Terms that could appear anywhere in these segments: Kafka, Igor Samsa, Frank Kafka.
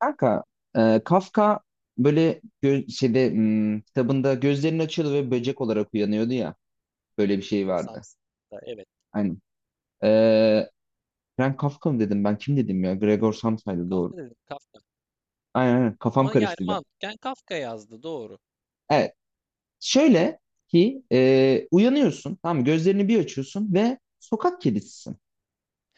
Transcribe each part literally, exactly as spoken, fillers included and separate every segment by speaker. Speaker 1: Kanka, e, Kafka böyle gö- şeyde hmm, kitabında gözlerini açıyordu ve böcek olarak uyanıyordu ya. Böyle bir
Speaker 2: Igor
Speaker 1: şey vardı.
Speaker 2: Samsa. Evet.
Speaker 1: Aynen. E, Frank Kafka mı dedim ben? Kim dedim ya? Gregor Samsa'ydı doğru.
Speaker 2: Kafka dedim Kafka.
Speaker 1: Aynen aynen. Kafam
Speaker 2: Ama yani
Speaker 1: karıştı bir an.
Speaker 2: mantıken Kafka yazdı doğru.
Speaker 1: Evet. Şöyle ki e, uyanıyorsun. Tamam mı? Gözlerini bir açıyorsun ve sokak kedisisin.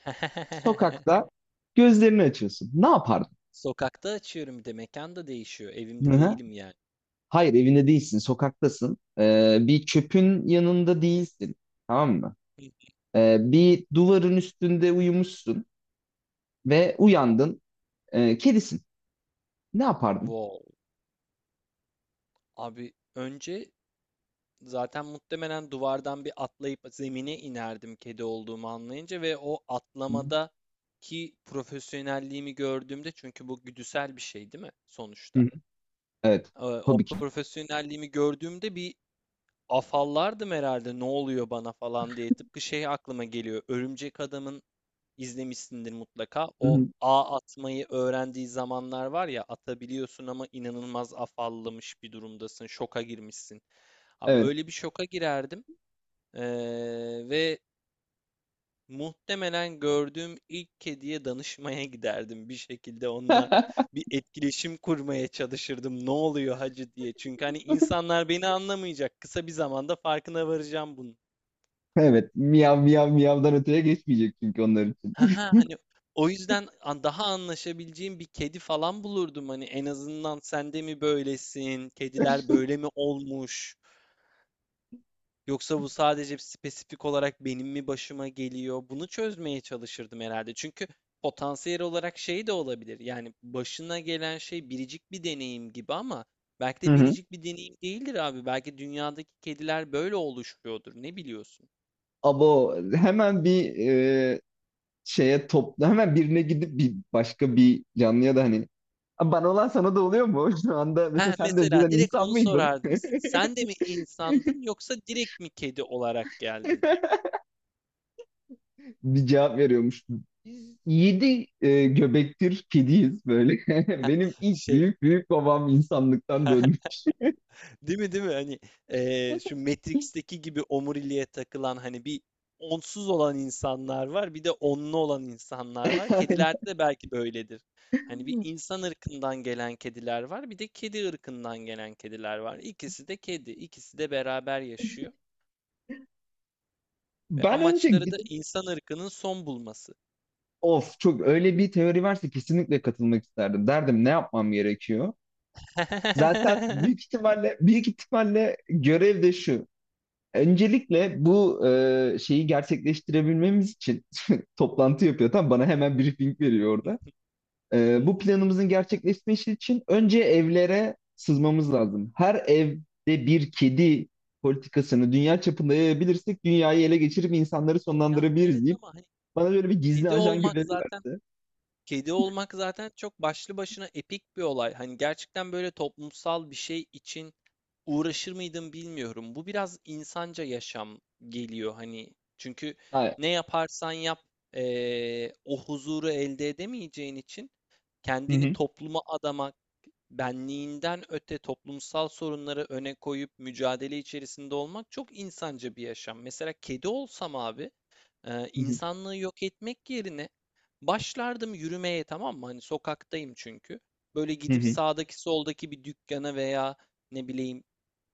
Speaker 1: Sokakta gözlerini açıyorsun. Ne yapardın?
Speaker 2: Sokakta açıyorum bir de mekan da değişiyor.
Speaker 1: Hı
Speaker 2: Evimde
Speaker 1: hı.
Speaker 2: değilim yani.
Speaker 1: Hayır evinde değilsin. Sokaktasın. E, bir çöpün yanında değilsin. Tamam mı?
Speaker 2: Hı.
Speaker 1: Ee, bir duvarın üstünde uyumuşsun ve uyandın. Ee, kedisin. Ne yapardın?
Speaker 2: Wow. Abi önce zaten muhtemelen duvardan bir atlayıp zemine inerdim kedi olduğumu anlayınca ve o
Speaker 1: Hı
Speaker 2: atlamada ki profesyonelliğimi gördüğümde çünkü bu güdüsel bir şey değil mi sonuçta?
Speaker 1: hı. Evet.
Speaker 2: Ee, O
Speaker 1: Tabii ki.
Speaker 2: profesyonelliğimi gördüğümde bir afallardım herhalde ne oluyor bana falan diye. Tıpkı şey aklıma geliyor. Örümcek Adam'ın izlemişsindir mutlaka.
Speaker 1: Hı
Speaker 2: O
Speaker 1: hı.
Speaker 2: ağ atmayı öğrendiği zamanlar var ya atabiliyorsun ama inanılmaz afallamış bir durumdasın. Şoka girmişsin. Abi
Speaker 1: Evet.
Speaker 2: öyle bir şoka girerdim. Ee, ve muhtemelen gördüğüm ilk kediye danışmaya giderdim. Bir şekilde onunla bir etkileşim kurmaya çalışırdım. Ne oluyor hacı diye. Çünkü hani insanlar beni anlamayacak. Kısa bir zamanda farkına varacağım bunun.
Speaker 1: Evet. Miyav miyav miyavdan öteye geçmeyecek çünkü onlar için.
Speaker 2: Haha, hani o yüzden an daha anlaşabileceğim bir kedi falan bulurdum. Hani en azından sen de mi böylesin? Kediler böyle mi olmuş? Yoksa bu sadece spesifik olarak benim mi başıma geliyor? Bunu çözmeye çalışırdım herhalde. Çünkü potansiyel olarak şey de olabilir. Yani başına gelen şey biricik bir deneyim gibi ama belki
Speaker 1: Hı
Speaker 2: de
Speaker 1: hı.
Speaker 2: biricik bir deneyim değildir abi. Belki dünyadaki kediler böyle oluşuyordur. Ne biliyorsun?
Speaker 1: Abo hemen bir e, şeye topla. Hemen birine gidip bir başka bir canlıya da hani "Aa, bana olan sana da oluyor mu? Şu anda mesela
Speaker 2: Heh,
Speaker 1: sen de
Speaker 2: mesela
Speaker 1: önceden
Speaker 2: direkt
Speaker 1: insan
Speaker 2: onu
Speaker 1: mıydın?
Speaker 2: sorardım. Sen de mi insandın yoksa direkt mi kedi olarak geldin?
Speaker 1: bir cevap veriyormuş. Biz yedi e, göbektir kediyiz böyle. Benim ilk
Speaker 2: Şey,
Speaker 1: büyük büyük babam insanlıktan döndü.
Speaker 2: değil mi değil mi? Hani eee, şu Matrix'teki gibi omuriliğe takılan hani bir onsuz olan insanlar var, bir de onlu olan insanlar var.
Speaker 1: Yani
Speaker 2: Kedilerde de belki böyledir. Hani bir insan ırkından gelen kediler var, bir de kedi ırkından gelen kediler var. İkisi de kedi, ikisi de beraber yaşıyor ve
Speaker 1: ben önce
Speaker 2: amaçları da
Speaker 1: gidip
Speaker 2: insan ırkının son bulması.
Speaker 1: of çok öyle bir teori varsa kesinlikle katılmak isterdim. Derdim ne yapmam gerekiyor? Zaten büyük ihtimalle büyük ihtimalle görev de şu. Öncelikle bu e, şeyi gerçekleştirebilmemiz için toplantı yapıyor. Tam bana hemen briefing veriyor orada. Ee, bu planımızın gerçekleşmesi için önce evlere sızmamız lazım. Her evde bir kedi politikasını dünya çapında yayabilirsek dünyayı ele geçirip insanları
Speaker 2: Ya evet
Speaker 1: sonlandırabiliriz deyip
Speaker 2: ama hani
Speaker 1: bana böyle bir gizli
Speaker 2: kedi
Speaker 1: ajan
Speaker 2: olmak
Speaker 1: görevi
Speaker 2: zaten
Speaker 1: verdi.
Speaker 2: kedi olmak zaten çok başlı başına epik bir olay. Hani gerçekten böyle toplumsal bir şey için uğraşır mıydım bilmiyorum. Bu biraz insanca yaşam geliyor hani. Çünkü
Speaker 1: Ha.
Speaker 2: ne yaparsan yap eee, o huzuru elde edemeyeceğin için
Speaker 1: Hı
Speaker 2: kendini
Speaker 1: hı.
Speaker 2: topluma adamak, benliğinden öte toplumsal sorunları öne koyup mücadele içerisinde olmak çok insanca bir yaşam. Mesela kedi olsam abi. Eee,
Speaker 1: Hı hı.
Speaker 2: insanlığı yok etmek yerine başlardım yürümeye, tamam mı? Hani sokaktayım çünkü. Böyle gidip sağdaki soldaki bir dükkana veya ne bileyim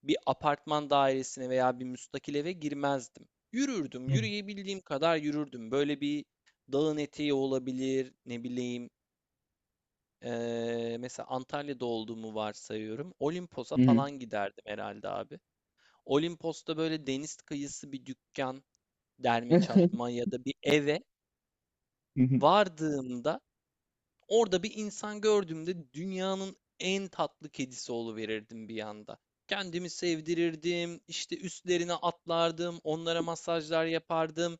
Speaker 2: bir apartman dairesine veya bir müstakil eve girmezdim. Yürürdüm,
Speaker 1: Hı hı.
Speaker 2: yürüyebildiğim kadar yürürdüm. Böyle bir dağın eteği olabilir, ne bileyim eee, mesela Antalya'da olduğumu varsayıyorum. Olimpos'a
Speaker 1: Hı hı.
Speaker 2: falan giderdim herhalde abi. Olimpos'ta böyle deniz kıyısı bir dükkan, derme çatma ya da bir eve
Speaker 1: Hı hı.
Speaker 2: vardığımda orada bir insan gördüğümde dünyanın en tatlı kedisi oluverirdim bir anda. Kendimi sevdirirdim, işte üstlerine atlardım, onlara masajlar yapardım.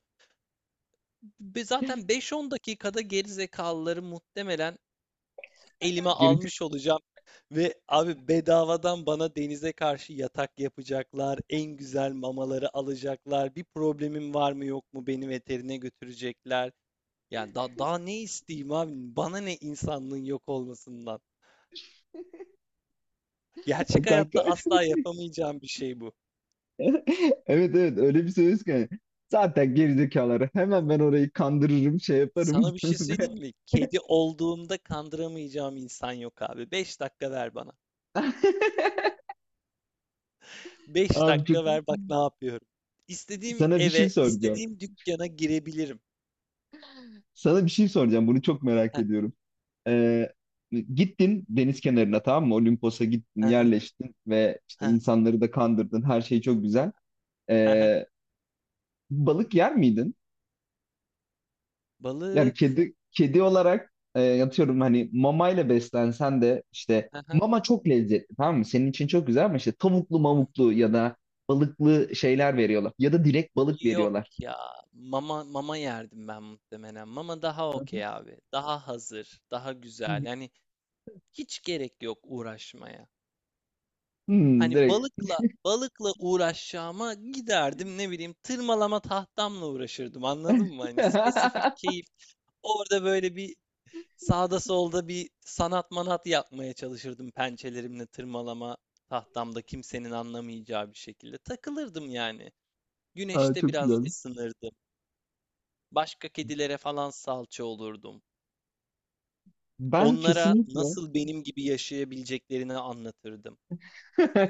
Speaker 2: Ve zaten beş on dakikada geri zekalıları muhtemelen elime
Speaker 1: Gerizekalı
Speaker 2: almış olacağım. Ve abi bedavadan bana denize karşı yatak yapacaklar, en güzel mamaları alacaklar, bir problemim var mı yok mu beni veterine götürecekler. Yani da, daha ne isteyeyim abi? Bana ne insanlığın yok olmasından? Gerçek
Speaker 1: kanka.
Speaker 2: hayatta asla yapamayacağım bir şey bu.
Speaker 1: Evet evet öyle bir söz ki. Zaten gerizekaları hemen ben orayı kandırırım şey yaparım.
Speaker 2: Sana bir şey söyleyeyim mi? Kedi olduğumda kandıramayacağım insan yok abi. Beş dakika ver bana. Beş
Speaker 1: Abi çok-
Speaker 2: dakika
Speaker 1: iyi.
Speaker 2: ver bak ne yapıyorum. İstediğim
Speaker 1: Sana bir şey
Speaker 2: eve,
Speaker 1: soracağım.
Speaker 2: istediğim dükkana girebilirim.
Speaker 1: Sana bir şey soracağım. Bunu çok merak
Speaker 2: Heh,
Speaker 1: ediyorum. Ee, gittin deniz kenarına tamam mı? Olimpos'a gittin,
Speaker 2: aha,
Speaker 1: yerleştin ve işte
Speaker 2: heh,
Speaker 1: insanları da kandırdın. Her şey çok güzel.
Speaker 2: aha.
Speaker 1: Ee, balık yer miydin? Yani
Speaker 2: Balık.
Speaker 1: kedi kedi olarak e, yatıyorum hani mamayla beslensen de işte
Speaker 2: Aha.
Speaker 1: mama çok lezzetli tamam mı? Senin için çok güzel ama işte tavuklu mamuklu ya da balıklı şeyler veriyorlar. Ya da direkt balık
Speaker 2: Yok
Speaker 1: veriyorlar.
Speaker 2: ya. Mama mama yerdim ben muhtemelen. Mama daha
Speaker 1: Hı hı.
Speaker 2: okey abi. Daha hazır, daha güzel. Yani hiç gerek yok uğraşmaya.
Speaker 1: Hmm,
Speaker 2: Hani
Speaker 1: direkt.
Speaker 2: balıkla balıkla uğraşacağıma giderdim ne bileyim tırmalama tahtamla uğraşırdım anladın mı? Hani spesifik keyif. Orada böyle bir sağda solda bir sanat manat yapmaya çalışırdım pençelerimle tırmalama tahtamda kimsenin anlamayacağı bir şekilde. Takılırdım yani.
Speaker 1: Aa,
Speaker 2: Güneşte
Speaker 1: çok
Speaker 2: biraz
Speaker 1: güzel.
Speaker 2: ısınırdım. Başka kedilere falan salça olurdum.
Speaker 1: Ben
Speaker 2: Onlara
Speaker 1: kesinlikle
Speaker 2: nasıl benim gibi yaşayabileceklerini anlatırdım.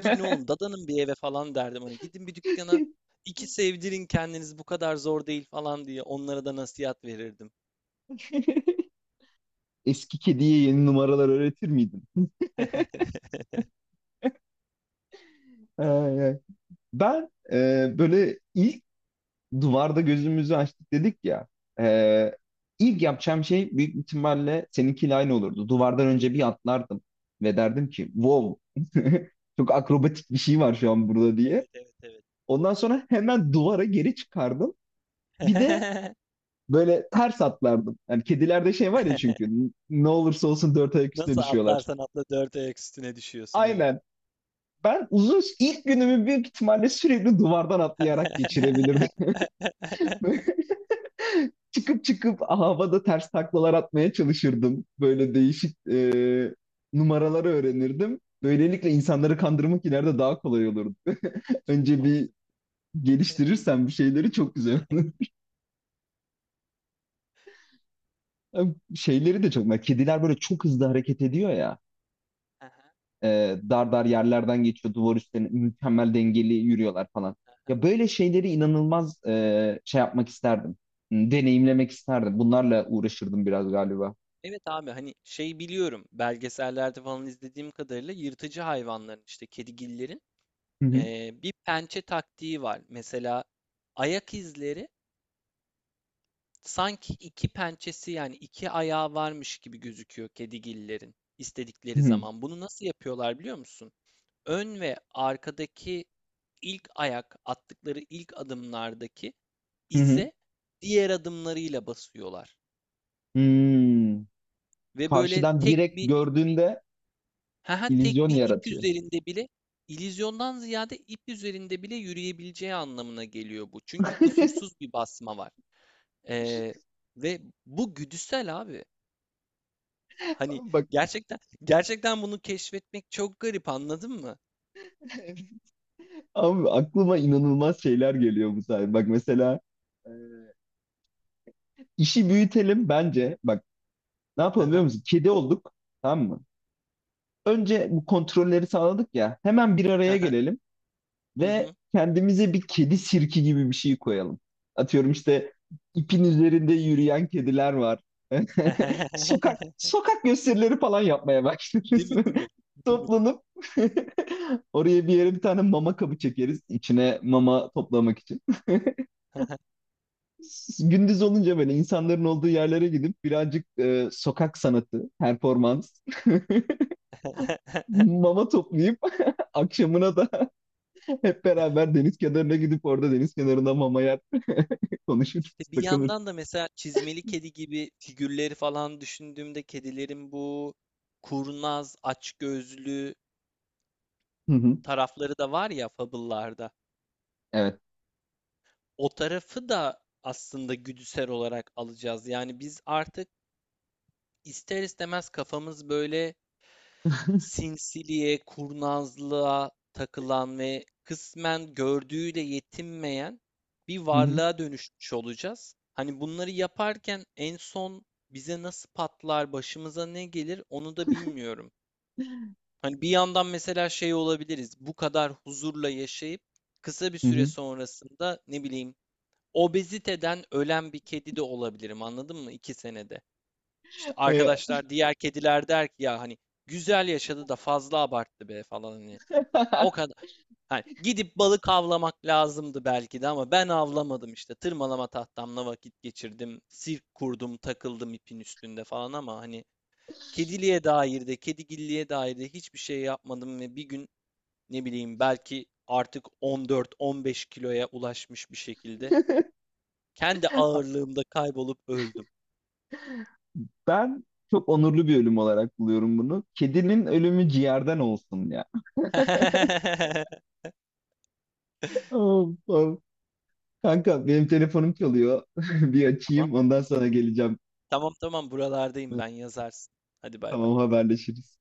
Speaker 2: Gidin oğlum dadanın bir eve falan derdim. Hani gidin bir dükkana iki sevdirin kendiniz bu kadar zor değil falan diye onlara da nasihat verirdim.
Speaker 1: eski kediye yeni numaralar öğretir miydin? Ay, ay. Ben e, böyle ilk duvarda gözümüzü açtık dedik ya. E, ilk yapacağım şey büyük ihtimalle seninkiyle aynı olurdu. Duvardan önce bir atlardım ve derdim ki wow çok akrobatik bir şey var şu an burada diye.
Speaker 2: Evet evet evet.
Speaker 1: Ondan sonra hemen duvara geri çıkardım. Bir de böyle ters atlardım. Yani kedilerde şey var ya çünkü ne olursa olsun dört ayak üstüne
Speaker 2: Nasıl
Speaker 1: düşüyorlar.
Speaker 2: atlarsan atla dört ayak üstüne düşüyorsun evet.
Speaker 1: Aynen. Ben uzun ilk günümü büyük ihtimalle sürekli duvardan atlayarak geçirebilirdim. çıkıp çıkıp havada ters taklalar atmaya çalışırdım. Böyle değişik e, numaraları öğrenirdim. Böylelikle insanları kandırmak ileride daha kolay olurdu.
Speaker 2: Çok
Speaker 1: Önce bir
Speaker 2: mantıklı.
Speaker 1: geliştirirsen bir şeyleri çok güzel olur. Şeyleri de çok. Kediler böyle çok hızlı hareket ediyor ya.
Speaker 2: Aha,
Speaker 1: e, dar dar yerlerden geçiyor duvar üstlerine mükemmel dengeli yürüyorlar falan.
Speaker 2: aha.
Speaker 1: Ya böyle şeyleri inanılmaz e, şey yapmak isterdim. Hmm, deneyimlemek isterdim. Bunlarla uğraşırdım biraz galiba.
Speaker 2: Evet abi hani şey biliyorum belgesellerde falan izlediğim kadarıyla yırtıcı hayvanların işte kedigillerin
Speaker 1: Hı hı.
Speaker 2: eee, bir pençe taktiği var. Mesela ayak izleri sanki iki pençesi yani iki ayağı varmış gibi gözüküyor kedigillerin
Speaker 1: Hı
Speaker 2: istedikleri
Speaker 1: hı.
Speaker 2: zaman. Bunu nasıl yapıyorlar biliyor musun? Ön ve arkadaki ilk ayak attıkları ilk adımlardaki
Speaker 1: Hı hı.
Speaker 2: ize diğer adımlarıyla basıyorlar.
Speaker 1: Hmm.
Speaker 2: Ve böyle
Speaker 1: Karşıdan
Speaker 2: tek
Speaker 1: direkt
Speaker 2: bir
Speaker 1: gördüğünde
Speaker 2: ha tek
Speaker 1: illüzyon
Speaker 2: bir ip
Speaker 1: yaratıyor.
Speaker 2: üzerinde bile illüzyondan ziyade ip üzerinde bile yürüyebileceği anlamına geliyor bu. Çünkü kusursuz bir basma var. Ee, ve bu güdüsel abi. Hani,
Speaker 1: Ama bak
Speaker 2: gerçekten gerçekten bunu keşfetmek çok garip, anladın mı?
Speaker 1: abi aklıma inanılmaz şeyler geliyor bu sayede. Bak mesela e, işi büyütelim bence. Bak ne
Speaker 2: Hı
Speaker 1: yapalım biliyor
Speaker 2: hı.
Speaker 1: musun? Kedi olduk. Tamam mı? Önce bu kontrolleri sağladık ya. Hemen bir
Speaker 2: Hı
Speaker 1: araya
Speaker 2: hı.
Speaker 1: gelelim
Speaker 2: Hı
Speaker 1: ve
Speaker 2: hı.
Speaker 1: kendimize bir kedi sirki gibi bir şey koyalım. Atıyorum işte ipin üzerinde yürüyen kediler var. Sokak sokak gösterileri falan yapmaya
Speaker 2: Değil
Speaker 1: başlarız.
Speaker 2: mi, değil mi? Değil mi?
Speaker 1: Toplanıp oraya bir yere bir tane mama kabı çekeriz içine mama toplamak için. Gündüz olunca böyle insanların olduğu yerlere gidip birazcık e, sokak sanatı, performans, mama toplayıp akşamına da hep beraber deniz kenarına gidip orada deniz kenarında mama yer konuşuruz,
Speaker 2: İşte bir
Speaker 1: takılırız.
Speaker 2: yandan da mesela çizmeli kedi gibi figürleri falan düşündüğümde kedilerin bu kurnaz, açgözlü
Speaker 1: Hı hı.
Speaker 2: tarafları da var ya fable'larda.
Speaker 1: Evet.
Speaker 2: O tarafı da aslında güdüsel olarak alacağız. Yani biz artık ister istemez kafamız böyle sinsiliğe, kurnazlığa takılan ve kısmen gördüğüyle yetinmeyen bir
Speaker 1: Hı hı.
Speaker 2: varlığa dönüşmüş olacağız. Hani bunları yaparken en son bize nasıl patlar, başımıza ne gelir onu da bilmiyorum. Hani bir yandan mesela şey olabiliriz. Bu kadar huzurla yaşayıp kısa bir
Speaker 1: Hı
Speaker 2: süre
Speaker 1: hı.
Speaker 2: sonrasında ne bileyim obeziteden ölen bir kedi de olabilirim anladın mı? İki senede. İşte
Speaker 1: Ee,
Speaker 2: arkadaşlar, diğer kediler der ki ya hani güzel yaşadı da fazla abarttı be falan hani. O kadar hani gidip balık avlamak lazımdı belki de ama ben avlamadım işte. Tırmalama tahtamla vakit geçirdim. Sirk kurdum, takıldım ipin üstünde falan ama hani kediliğe dair de, kedigilliğe dair de hiçbir şey yapmadım ve bir gün ne bileyim belki artık on dört on beş kiloya ulaşmış bir şekilde kendi ağırlığımda kaybolup öldüm.
Speaker 1: ben çok onurlu bir ölüm olarak buluyorum bunu. Kedinin ölümü ciğerden olsun ya. Oh, oh. Kanka benim telefonum çalıyor. Bir
Speaker 2: Ama
Speaker 1: açayım ondan sonra geleceğim.
Speaker 2: tamam tamam buralardayım ben yazarsın. Hadi bay bay.
Speaker 1: Tamam haberleşiriz.